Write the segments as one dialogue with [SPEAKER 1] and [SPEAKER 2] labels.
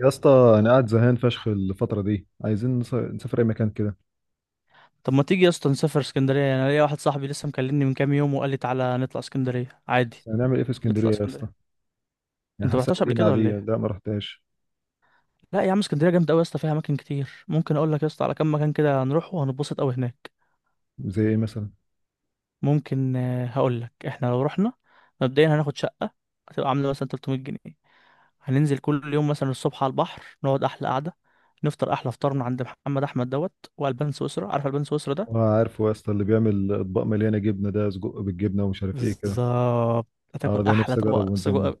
[SPEAKER 1] يا اسطى انا قاعد زهقان فشخ الفتره دي عايزين نسافر اي مكان كده.
[SPEAKER 2] طب ما تيجي يا اسطى نسافر اسكندريه؟ يعني انا ليا واحد صاحبي لسه مكلمني من كام يوم وقال لي تعالى نطلع اسكندريه عادي.
[SPEAKER 1] بس هنعمل ايه في
[SPEAKER 2] نطلع
[SPEAKER 1] اسكندريه يا اسطى؟
[SPEAKER 2] اسكندريه.
[SPEAKER 1] يعني
[SPEAKER 2] انت ما
[SPEAKER 1] حاسه
[SPEAKER 2] رحتش قبل
[SPEAKER 1] مدينه
[SPEAKER 2] كده ولا
[SPEAKER 1] عاديه،
[SPEAKER 2] ايه؟
[SPEAKER 1] لا ما رحتهاش.
[SPEAKER 2] لا يا عم، اسكندريه جامده قوي يا اسطى، فيها اماكن كتير. ممكن اقول لك يا اسطى على كام مكان كده هنروح وهنتبسط قوي هناك.
[SPEAKER 1] زي ايه مثلا؟
[SPEAKER 2] ممكن هقول لك احنا لو رحنا. مبدئيا هناخد شقه هتبقى عامله مثلا 300 جنيه. هننزل كل يوم مثلا الصبح على البحر نقعد احلى قعده. نفطر احلى فطار من عند محمد احمد دوت والبان سويسرا. عارف البان سويسرا ده؟
[SPEAKER 1] اه عارفه يا اسطى، اللي بيعمل اطباق مليانه جبنه ده، سجق بالجبنه ومش عارف ايه كده.
[SPEAKER 2] بالظبط.
[SPEAKER 1] اه
[SPEAKER 2] هتاكل
[SPEAKER 1] ده
[SPEAKER 2] احلى
[SPEAKER 1] نفسي اجربه
[SPEAKER 2] طبق
[SPEAKER 1] من زمان.
[SPEAKER 2] سجق.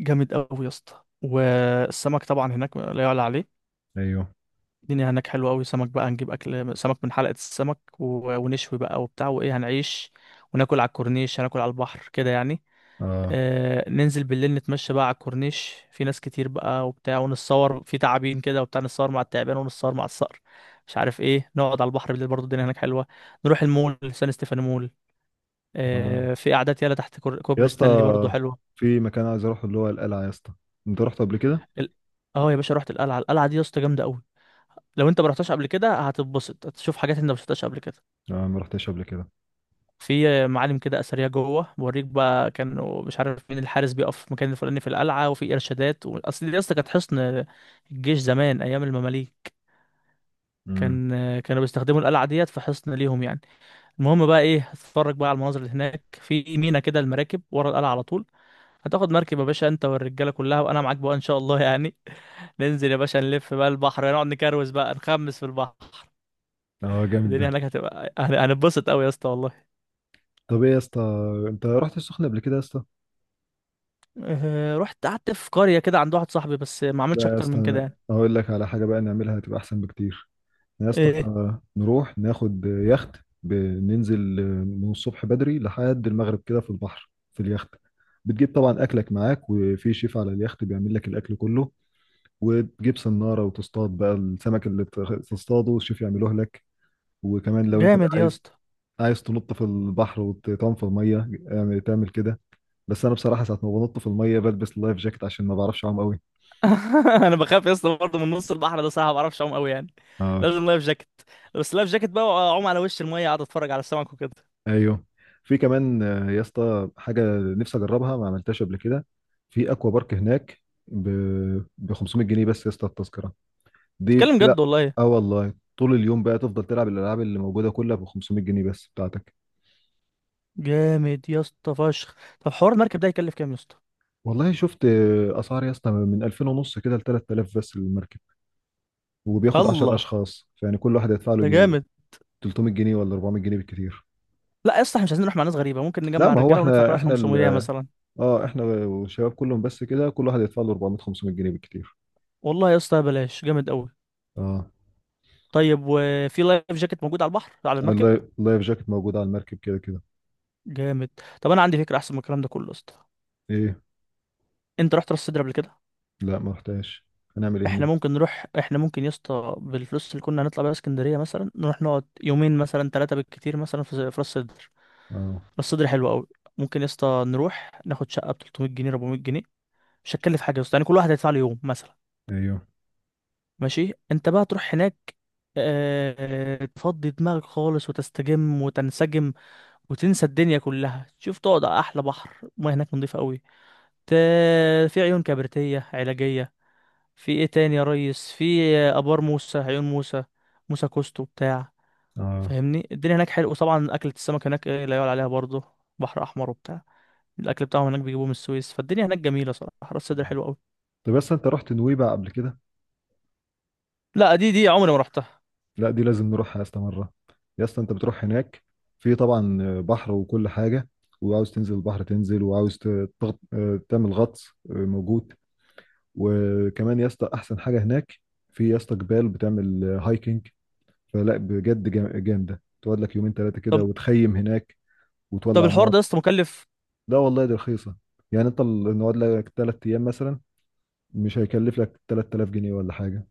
[SPEAKER 2] جامد قوي يا اسطى، والسمك طبعا هناك لا يعلى عليه.
[SPEAKER 1] ايوه.
[SPEAKER 2] الدنيا هناك حلوه قوي. سمك بقى هنجيب اكل سمك من حلقه السمك ونشوي بقى وبتاع، وايه، هنعيش وناكل على الكورنيش، هناكل على البحر كده يعني.
[SPEAKER 1] اه.
[SPEAKER 2] آه، ننزل بالليل نتمشى بقى على الكورنيش، في ناس كتير بقى وبتاع، ونتصور في تعابين كده وبتاع، نتصور مع التعبان ونتصور مع الصقر، مش عارف ايه. نقعد على البحر بالليل برضه، الدنيا هناك حلوه. نروح المول، سان ستيفانو مول.
[SPEAKER 1] اه
[SPEAKER 2] آه، في قعدات يالا تحت
[SPEAKER 1] يا
[SPEAKER 2] كوبري
[SPEAKER 1] اسطى،
[SPEAKER 2] ستانلي برضه حلوه.
[SPEAKER 1] في مكان عايز اروحه اللي هو القلعه يا اسطى، انت رحت قبل كده؟
[SPEAKER 2] ال- اه يا باشا رحت القلعه. القلعه دي يا اسطى جامده قوي. لو انت ما رحتش قبل كده هتتبسط، هتشوف حاجات انت ما شفتهاش قبل كده.
[SPEAKER 1] اه ما رحتش قبل كده.
[SPEAKER 2] في معالم كده اثريه جوه بوريك بقى، كانوا مش عارف مين، الحارس بيقف في المكان الفلاني في القلعه، وفي ارشادات اصل دي اصلا كانت حصن الجيش زمان ايام المماليك.
[SPEAKER 1] امم
[SPEAKER 2] كان كانوا بيستخدموا القلعه ديت في حصن ليهم يعني. المهم بقى ايه، هتتفرج بقى على المناظر اللي هناك، في مينا كده المراكب ورا القلعه على طول. هتاخد مركب يا باشا انت والرجاله كلها وانا معاك بقى ان شاء الله يعني. ننزل يا باشا نلف بقى البحر، نقعد نكروز بقى، نخمس في البحر.
[SPEAKER 1] اه جامد ده.
[SPEAKER 2] الدنيا هناك هتبقى هنتبسط قوي يا اسطى والله.
[SPEAKER 1] طب ايه يا اسطى، انت رحت السخنه قبل كده يا اسطى؟
[SPEAKER 2] رحت قعدت في قرية كده عند واحد صاحبي، بس ما عملتش
[SPEAKER 1] لا يا
[SPEAKER 2] اكتر
[SPEAKER 1] اسطى،
[SPEAKER 2] من كده
[SPEAKER 1] أنا
[SPEAKER 2] يعني.
[SPEAKER 1] هقول لك على حاجه بقى نعملها هتبقى احسن بكتير. يا اسطى،
[SPEAKER 2] ايه؟
[SPEAKER 1] نروح ناخد يخت. بننزل من الصبح بدري لحد المغرب كده في البحر في اليخت. بتجيب طبعا اكلك معاك، وفي شيف على اليخت بيعمل لك الاكل كله. وتجيب صناره وتصطاد بقى السمك اللي تصطاده الشيف يعمله لك. وكمان لو انت بقى
[SPEAKER 2] جامد يا
[SPEAKER 1] عايز،
[SPEAKER 2] اسطى.
[SPEAKER 1] عايز تنط في البحر وتنفض ميه تعمل كده. بس انا بصراحه ساعه ما بنط في الميه بلبس اللايف جاكيت عشان ما بعرفش اعوم.
[SPEAKER 2] انا بخاف يا اسطى برضه من نص البحر ده، صح، ما بعرفش اعوم قوي يعني.
[SPEAKER 1] قوي.
[SPEAKER 2] لازم لايف جاكيت. بس لايف جاكيت بقى، واعوم على وش المية، اقعد اتفرج على السمك وكده.
[SPEAKER 1] ايوه. في كمان يا اسطى حاجه نفسي اجربها ما عملتهاش قبل كده. في اكوا بارك هناك ب 500 جنيه بس يا اسطى، التذكره دي.
[SPEAKER 2] تتكلم
[SPEAKER 1] لا
[SPEAKER 2] جد والله؟
[SPEAKER 1] اه والله طول اليوم بقى تفضل تلعب الالعاب اللي موجوده كلها ب 500 جنيه بس بتاعتك.
[SPEAKER 2] جامد يا اسطى فشخ. طب حوار المركب ده يكلف كام يا اسطى؟
[SPEAKER 1] والله شفت اسعار يا اسطى، من 2000 ونص كده ل 3000 بس المركب، وبياخد 10
[SPEAKER 2] الله،
[SPEAKER 1] اشخاص. فيعني كل واحد هيدفع له
[SPEAKER 2] ده جامد.
[SPEAKER 1] 300 جنيه ولا 400 جنيه بالكتير.
[SPEAKER 2] لا يا اسطى، احنا مش عايزين نروح مع ناس غريبة، ممكن
[SPEAKER 1] لا
[SPEAKER 2] نجمع
[SPEAKER 1] ما هو
[SPEAKER 2] الرجالة وندفع كل
[SPEAKER 1] احنا
[SPEAKER 2] واحد 500 مثلا.
[SPEAKER 1] اه احنا والشباب كلهم بس كده كل واحد يدفع له 400 500 جنيه بالكتير.
[SPEAKER 2] والله يا اسطى بلاش، جامد قوي.
[SPEAKER 1] اه.
[SPEAKER 2] طيب، وفي لايف جاكيت موجود على البحر على المركب؟
[SPEAKER 1] اللايف جاكيت موجود على المركب كده كده.
[SPEAKER 2] جامد. طب انا عندي فكره احسن من الكلام ده كله يا اسطى.
[SPEAKER 1] ايه؟
[SPEAKER 2] انت رحت راس سدر قبل كده؟
[SPEAKER 1] لا ما رحتهاش، هنعمل ايه
[SPEAKER 2] احنا
[SPEAKER 1] هناك؟
[SPEAKER 2] ممكن نروح، احنا ممكن يا اسطى بالفلوس اللي كنا هنطلع بيها اسكندريه، مثلا نروح نقعد يومين مثلا، ثلاثه بالكتير، مثلا في راس سدر.
[SPEAKER 1] اه.
[SPEAKER 2] راس سدر حلو قوي. ممكن يا اسطى نروح ناخد شقه ب 300 جنيه 400 جنيه. مش هتكلف حاجه يا اسطى يعني، كل واحد هيدفع له يوم مثلا.
[SPEAKER 1] ايوه.
[SPEAKER 2] ماشي، انت بقى تروح هناك آه، تفضي دماغك خالص وتستجم وتنسجم، وتنسى الدنيا كلها، تشوف، تقعد على احلى بحر. المياه هناك نظيفه قوي. في عيون كبريتية علاجية. في ايه تاني يا ريس؟ في ابار موسى، عيون موسى، موسى كوستو بتاع.
[SPEAKER 1] اه.
[SPEAKER 2] فاهمني؟ الدنيا هناك حلوه، وطبعا اكلة السمك هناك إيه، لا يعلى عليها برضه. بحر احمر وبتاع. الاكل بتاعهم هناك بيجيبوه من السويس، فالدنيا هناك جميله صراحه، راس سدر حلوه قوي.
[SPEAKER 1] طب بس انت رحت نويبع قبل كده؟
[SPEAKER 2] لا دي عمري ما رحتها.
[SPEAKER 1] لا دي لازم نروحها يا اسطى مره. يا اسطى انت بتروح هناك، في طبعا بحر وكل حاجه، وعاوز تنزل البحر تنزل، وعاوز ت- تغط... آه، تعمل غطس، موجود. وكمان يا اسطى احسن حاجه هناك، في يا اسطى جبال بتعمل هايكنج. فلا بجد جامده، تقعد لك يومين ثلاثه
[SPEAKER 2] طب
[SPEAKER 1] كده وتخيم هناك
[SPEAKER 2] طب
[SPEAKER 1] وتولع
[SPEAKER 2] الحوار ده يا
[SPEAKER 1] نار.
[SPEAKER 2] اسطى مكلف؟
[SPEAKER 1] لا والله دي رخيصة، يعني انت نقعد لك تلات ايام مثلا مش هيكلف لك 3000 جنيه ولا حاجة.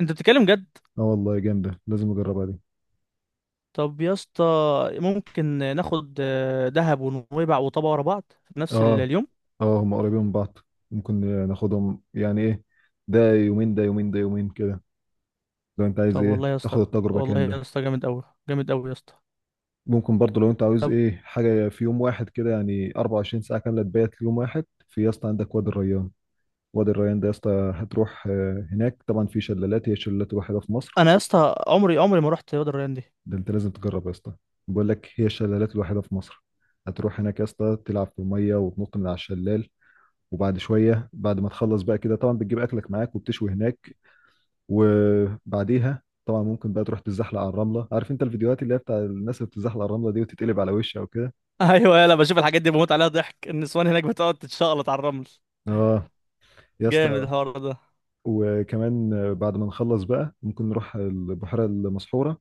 [SPEAKER 2] انت بتتكلم جد؟
[SPEAKER 1] اه والله جامدة لازم اجربها دي.
[SPEAKER 2] طب يا اسطى، ممكن ناخد آه، دهب ونويبع وطابا ورا بعض في نفس
[SPEAKER 1] اه.
[SPEAKER 2] اليوم.
[SPEAKER 1] اه هم قريبين من بعض، ممكن ناخدهم يعني ايه، ده يومين ده يومين ده يومين كده. لو انت عايز
[SPEAKER 2] طب
[SPEAKER 1] ايه
[SPEAKER 2] والله يا اسطى،
[SPEAKER 1] تاخد التجربة
[SPEAKER 2] والله يا
[SPEAKER 1] كاملة.
[SPEAKER 2] اسطى جامد قوي، جامد قوي يا اسطى.
[SPEAKER 1] ممكن برضه لو انت عاوز ايه حاجة في يوم واحد كده، يعني 24 ساعة كاملة تبات في يوم واحد، في يا اسطى عندك وادي الريان. وادي الريان ده يا اسطى هتروح هناك طبعا في شلالات، هي الشلالات الوحيدة في مصر.
[SPEAKER 2] انا يا اسطى عمري ما رحت وادي الريان دي.
[SPEAKER 1] ده انت لازم تجرب يا اسطى، بقول لك هي الشلالات الوحيده في مصر. هتروح هناك يا اسطى تلعب في الميه وتنط من على الشلال. وبعد شويه بعد ما تخلص بقى كده طبعا بتجيب اكلك معاك وبتشوي هناك. وبعديها طبعا ممكن بقى تروح تتزحلق على الرمله، عارف انت الفيديوهات اللي هي بتاع الناس اللي بتتزحلق على الرمله دي وتتقلب على وشها وكده.
[SPEAKER 2] ايوه يلا، بشوف الحاجات دي بموت عليها ضحك، النسوان هناك بتقعد تتشقلط على الرمل.
[SPEAKER 1] اه يا
[SPEAKER 2] جامد
[SPEAKER 1] اسطى.
[SPEAKER 2] الحوار ده.
[SPEAKER 1] وكمان بعد ما نخلص بقى ممكن نروح البحيره المسحوره.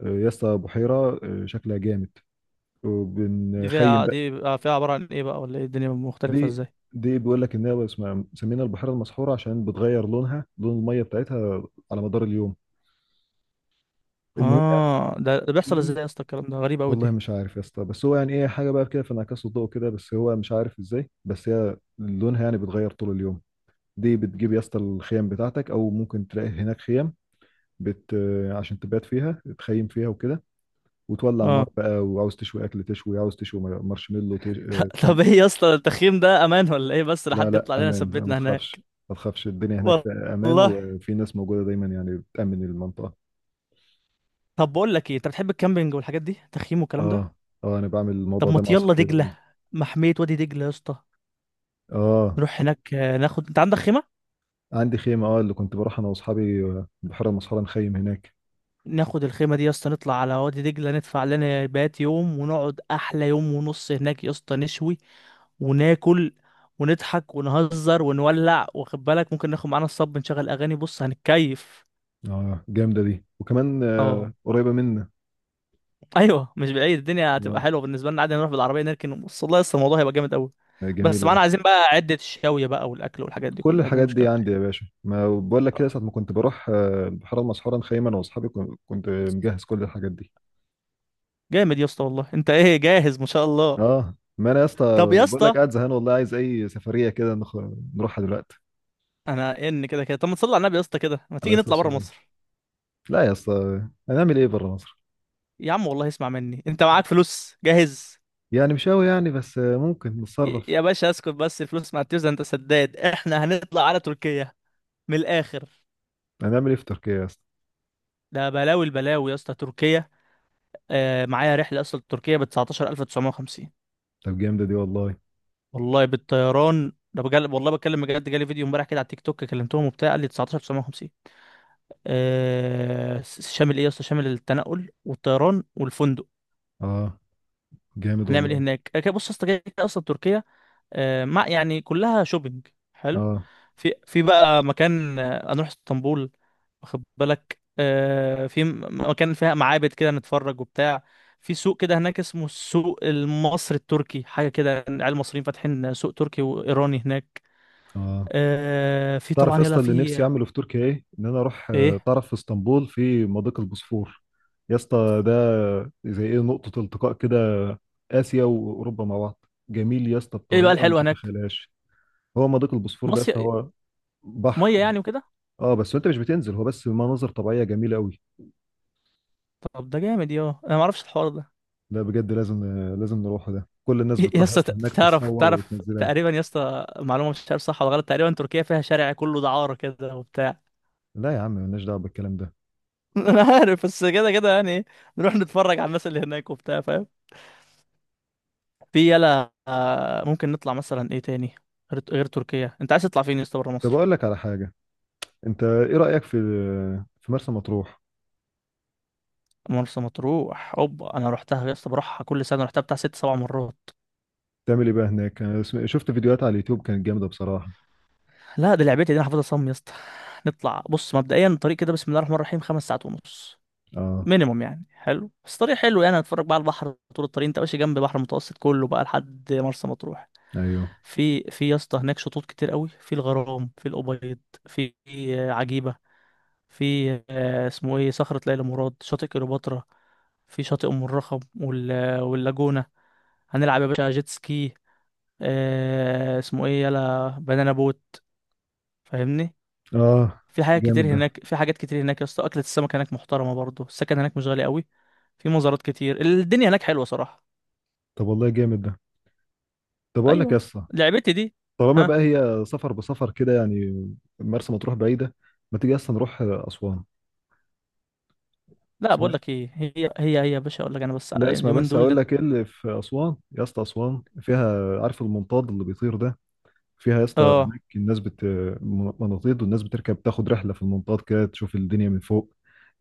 [SPEAKER 1] يا اسطى بحيره، شكلها جامد،
[SPEAKER 2] دي
[SPEAKER 1] وبنخيم.
[SPEAKER 2] فيها، دي بقى فيها عبارة عن ايه بقى ولا ايه، الدنيا مختلفة
[SPEAKER 1] دي
[SPEAKER 2] ازاي؟
[SPEAKER 1] دي بيقول لك ان هي اسمها مسمينها البحيره المسحوره عشان بتغير لونها، لون الميه بتاعتها، على مدار اليوم. المهم يعني.
[SPEAKER 2] اه ده بيحصل ازاي
[SPEAKER 1] المهم
[SPEAKER 2] يا اسطى؟ الكلام ده غريب قوي
[SPEAKER 1] والله
[SPEAKER 2] دي.
[SPEAKER 1] مش عارف يا اسطى، بس هو يعني ايه، حاجه بقى كده في انعكاس الضوء كده، بس هو مش عارف ازاي، بس هي لونها يعني بيتغير طول اليوم. دي بتجيب يا اسطى الخيام بتاعتك او ممكن تلاقي هناك خيام بت عشان تبات فيها، تخيم فيها وكده. وتولع نار
[SPEAKER 2] اه.
[SPEAKER 1] بقى وعاوز تشوي اكل، تشوي عاوز تشوي مارشميلو
[SPEAKER 2] طب ايه يا اسطى التخييم ده، امان ولا ايه؟ بس
[SPEAKER 1] لا
[SPEAKER 2] لحد
[SPEAKER 1] لا
[SPEAKER 2] يطلع لنا،
[SPEAKER 1] امان ما
[SPEAKER 2] ثبتنا
[SPEAKER 1] تخافش.
[SPEAKER 2] هناك.
[SPEAKER 1] ما تخافش الدنيا هناك في امان،
[SPEAKER 2] والله.
[SPEAKER 1] وفي ناس موجوده دايما يعني بتامن المنطقه.
[SPEAKER 2] طب بقول لك ايه، انت بتحب الكامبينج والحاجات دي، تخييم والكلام ده؟
[SPEAKER 1] اه. اه انا بعمل
[SPEAKER 2] طب
[SPEAKER 1] الموضوع
[SPEAKER 2] ما
[SPEAKER 1] ده مع
[SPEAKER 2] يلا
[SPEAKER 1] اصحابي دايما.
[SPEAKER 2] دجلة، محمية وادي دجلة يا اسطى.
[SPEAKER 1] اه
[SPEAKER 2] نروح هناك آه، ناخد، انت عندك خيمة؟
[SPEAKER 1] عندي خيمه، اه اللي كنت بروح انا واصحابي بحيره مسحوره نخيم هناك.
[SPEAKER 2] ناخد الخيمة دي يا اسطى، نطلع على وادي دجلة، ندفع لنا بات يوم، ونقعد أحلى يوم ونص هناك يا اسطى، نشوي وناكل ونضحك ونهزر ونولع، واخد بالك؟ ممكن ناخد معانا الصب، نشغل أغاني، بص هنتكيف.
[SPEAKER 1] اه جامده دي، وكمان
[SPEAKER 2] اه.
[SPEAKER 1] قريبه منا.
[SPEAKER 2] أيوه مش بعيد، الدنيا
[SPEAKER 1] اه.
[SPEAKER 2] هتبقى حلوة بالنسبة لنا عادي، نروح بالعربية نركن، بص والله لسه الموضوع هيبقى جامد أوي. بس
[SPEAKER 1] جميله دي.
[SPEAKER 2] معانا عايزين بقى عدة الشاوية بقى والأكل والحاجات دي
[SPEAKER 1] كل
[SPEAKER 2] كلها، دي
[SPEAKER 1] الحاجات دي
[SPEAKER 2] المشكلة
[SPEAKER 1] عندي
[SPEAKER 2] الوحيده.
[SPEAKER 1] يا باشا، ما بقول لك
[SPEAKER 2] طب
[SPEAKER 1] كده، ساعه ما كنت بروح البحيره المسحوره نخيم انا واصحابي، كنت مجهز كل الحاجات دي.
[SPEAKER 2] جامد يا اسطى والله، أنت إيه جاهز ما شاء الله.
[SPEAKER 1] اه ما انا يا اسطى
[SPEAKER 2] طب يا
[SPEAKER 1] بقول لك
[SPEAKER 2] اسطى،
[SPEAKER 1] قاعد زهقان والله، عايز اي سفريه كده نروحها دلوقتي.
[SPEAKER 2] أنا إن كده كده، طب ما تصلي على النبي يا اسطى، كده ما
[SPEAKER 1] عليه
[SPEAKER 2] تيجي
[SPEAKER 1] الصلاة
[SPEAKER 2] نطلع بره
[SPEAKER 1] والسلام.
[SPEAKER 2] مصر؟
[SPEAKER 1] لا يا اسطى، هنعمل ايه بره مصر؟
[SPEAKER 2] يا عم والله اسمع مني، انت معاك فلوس جاهز.
[SPEAKER 1] يعني مش قوي يعني، بس ممكن نتصرف.
[SPEAKER 2] يا باشا اسكت بس، الفلوس ما هتفز، انت سداد. احنا هنطلع على تركيا، من الاخر.
[SPEAKER 1] هنعمل ايه في تركيا يا اسطى؟
[SPEAKER 2] ده بلاوي البلاوي يا اسطى تركيا. آه، معايا رحله اصلا تركيا ب 19950.
[SPEAKER 1] طب جامدة دي والله.
[SPEAKER 2] والله بالطيران ده، بجد والله بتكلم بجد، جالي فيديو امبارح كده على التيك توك، كلمتهم وبتاع قال لي 19950. آه، شامل ايه يا اسطى؟ شامل التنقل والطيران والفندق.
[SPEAKER 1] اه جامد
[SPEAKER 2] هنعمل ايه
[SPEAKER 1] والله.
[SPEAKER 2] هناك؟ آه، بص يا اسطى، كده كده اصلا تركيا آه، ما يعني كلها شوبينج. حلو.
[SPEAKER 1] اه.
[SPEAKER 2] في بقى مكان آه، هنروح اسطنبول، واخد بالك؟ آه، في مكان فيها معابد كده نتفرج وبتاع. في سوق كده هناك اسمه السوق المصري التركي، حاجة كده يعني، العيال المصريين فاتحين سوق تركي وإيراني هناك.
[SPEAKER 1] اه
[SPEAKER 2] آه، في
[SPEAKER 1] تعرف يا
[SPEAKER 2] طبعا يلا،
[SPEAKER 1] اسطى اللي
[SPEAKER 2] في
[SPEAKER 1] نفسي اعمله في تركيا ايه؟ ان انا اروح
[SPEAKER 2] ايه؟
[SPEAKER 1] تعرف في اسطنبول في مضيق البوسفور. يا اسطى ده زي ايه، نقطة التقاء كده، اسيا واوروبا مع بعض، جميل يا اسطى
[SPEAKER 2] ايه بقى
[SPEAKER 1] بطريقة ما
[SPEAKER 2] الحلو هناك؟
[SPEAKER 1] تتخيلهاش. هو مضيق البوسفور ده يا اسطى
[SPEAKER 2] مصيف؟
[SPEAKER 1] هو بحر.
[SPEAKER 2] مية يعني وكده؟
[SPEAKER 1] اه بس انت مش بتنزل، هو بس مناظر طبيعية جميلة قوي.
[SPEAKER 2] طب ده جامد، يا انا ما اعرفش الحوار ده.
[SPEAKER 1] لا بجد لازم نروحه ده، كل الناس
[SPEAKER 2] إيه، يا
[SPEAKER 1] بتروح
[SPEAKER 2] اسطى
[SPEAKER 1] اصلا هناك
[SPEAKER 2] تعرف،
[SPEAKER 1] تتصور
[SPEAKER 2] تعرف
[SPEAKER 1] وتنزلها.
[SPEAKER 2] تقريبا يا اسطى معلومه، مش عارف صح ولا غلط، تقريبا تركيا فيها شارع كله دعاره كده وبتاع.
[SPEAKER 1] لا يا عم مالناش دعوه بالكلام ده.
[SPEAKER 2] انا عارف بس، كده كده يعني إيه، نروح نتفرج على الناس اللي هناك وبتاع، فاهم؟ في يلا آه، ممكن نطلع مثلا ايه تاني، غير تركيا انت عايز تطلع فين يا اسطى بره
[SPEAKER 1] طب
[SPEAKER 2] مصر؟
[SPEAKER 1] اقول لك على حاجه، انت ايه رايك في، في مرسى مطروح؟
[SPEAKER 2] مرسى مطروح اوبا، انا رحتها يا اسطى بروحها كل سنه، رحتها بتاع ست سبع مرات.
[SPEAKER 1] تعمل ايه بقى هناك؟ أنا شفت فيديوهات على اليوتيوب كانت جامده بصراحه.
[SPEAKER 2] لا دي لعبتي دي، انا حافظها صم يا اسطى. نطلع بص، مبدئيا الطريق كده بسم الله الرحمن الرحيم خمس ساعات ونص
[SPEAKER 1] اه.
[SPEAKER 2] مينيموم يعني. حلو بس، طريق حلو يعني، هتتفرج بقى على البحر طول الطريق، انت ماشي جنب البحر المتوسط كله بقى لحد مرسى مطروح.
[SPEAKER 1] ايوه.
[SPEAKER 2] في يا اسطى هناك شطوط كتير قوي، في الغرام، في الأبيض، في آه، عجيبة، في آه، اسمه ايه، صخرة ليلى مراد، شاطئ كليوباترا، في شاطئ أم الرخم واللاجونة. هنلعب يا باشا جيت سكي، آه، اسمه ايه، يلا بنانا بوت، فاهمني؟
[SPEAKER 1] اه
[SPEAKER 2] في حاجات
[SPEAKER 1] جامد
[SPEAKER 2] كتير
[SPEAKER 1] ده.
[SPEAKER 2] هناك، في حاجات كتير هناك يا اسطى، أكلة السمك هناك محترمة برضه، السكن هناك مش غالي قوي. في مزارات كتير، الدنيا هناك حلوة صراحة.
[SPEAKER 1] طب والله جامد ده. طب اقول لك يا
[SPEAKER 2] ايوه.
[SPEAKER 1] اسطى،
[SPEAKER 2] لعبتي دي.
[SPEAKER 1] طالما
[SPEAKER 2] ها.
[SPEAKER 1] بقى هي سفر بسفر كده يعني، مرسى مطروح بعيده، ما تيجي اصلا نروح اسوان.
[SPEAKER 2] لا بقول
[SPEAKER 1] اسمع.
[SPEAKER 2] لك ايه، هي هي يا باشا اقول لك انا بس،
[SPEAKER 1] لا اسمع
[SPEAKER 2] اليومين
[SPEAKER 1] بس
[SPEAKER 2] دول
[SPEAKER 1] اقول لك ايه اللي في اسوان يا اسطى. اسوان فيها، عارف المنطاد اللي بيطير ده؟ فيها يا اسطى،
[SPEAKER 2] اه.
[SPEAKER 1] هناك الناس مناطيد، والناس بتركب تاخد رحله في المنطاد كده تشوف الدنيا من فوق،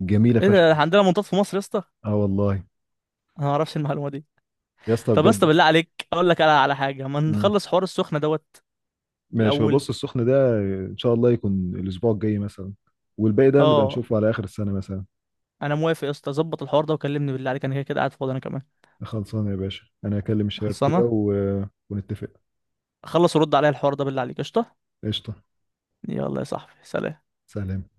[SPEAKER 1] جميله
[SPEAKER 2] ايه
[SPEAKER 1] فشخ يا
[SPEAKER 2] ده،
[SPEAKER 1] اسطى.
[SPEAKER 2] عندنا منطاد في مصر يا اسطى؟
[SPEAKER 1] اه والله
[SPEAKER 2] انا ما اعرفش المعلومه دي.
[SPEAKER 1] يا اسطى
[SPEAKER 2] طب يا اسطى
[SPEAKER 1] بجد.
[SPEAKER 2] بالله عليك، اقول لك على حاجه، ما
[SPEAKER 1] مم.
[SPEAKER 2] نخلص حوار السخنه دوت
[SPEAKER 1] ماشي، هو
[SPEAKER 2] الاول.
[SPEAKER 1] بص السخن ده، ان شاء الله يكون الاسبوع الجاي مثلا، والباقي ده نبقى
[SPEAKER 2] اه،
[SPEAKER 1] نشوفه على اخر السنه مثلا.
[SPEAKER 2] انا موافق يا اسطى، ظبط الحوار ده وكلمني بالله عليك، انا كده كده قاعد فاضي انا كمان.
[SPEAKER 1] خلصانه يا باشا، انا هكلم الشباب كده
[SPEAKER 2] خلصانه.
[SPEAKER 1] و... ونتفق.
[SPEAKER 2] خلص، ورد عليا الحوار ده بالله عليك، قشطه.
[SPEAKER 1] قشطه.
[SPEAKER 2] يلا يا صاحبي، سلام.
[SPEAKER 1] سلام.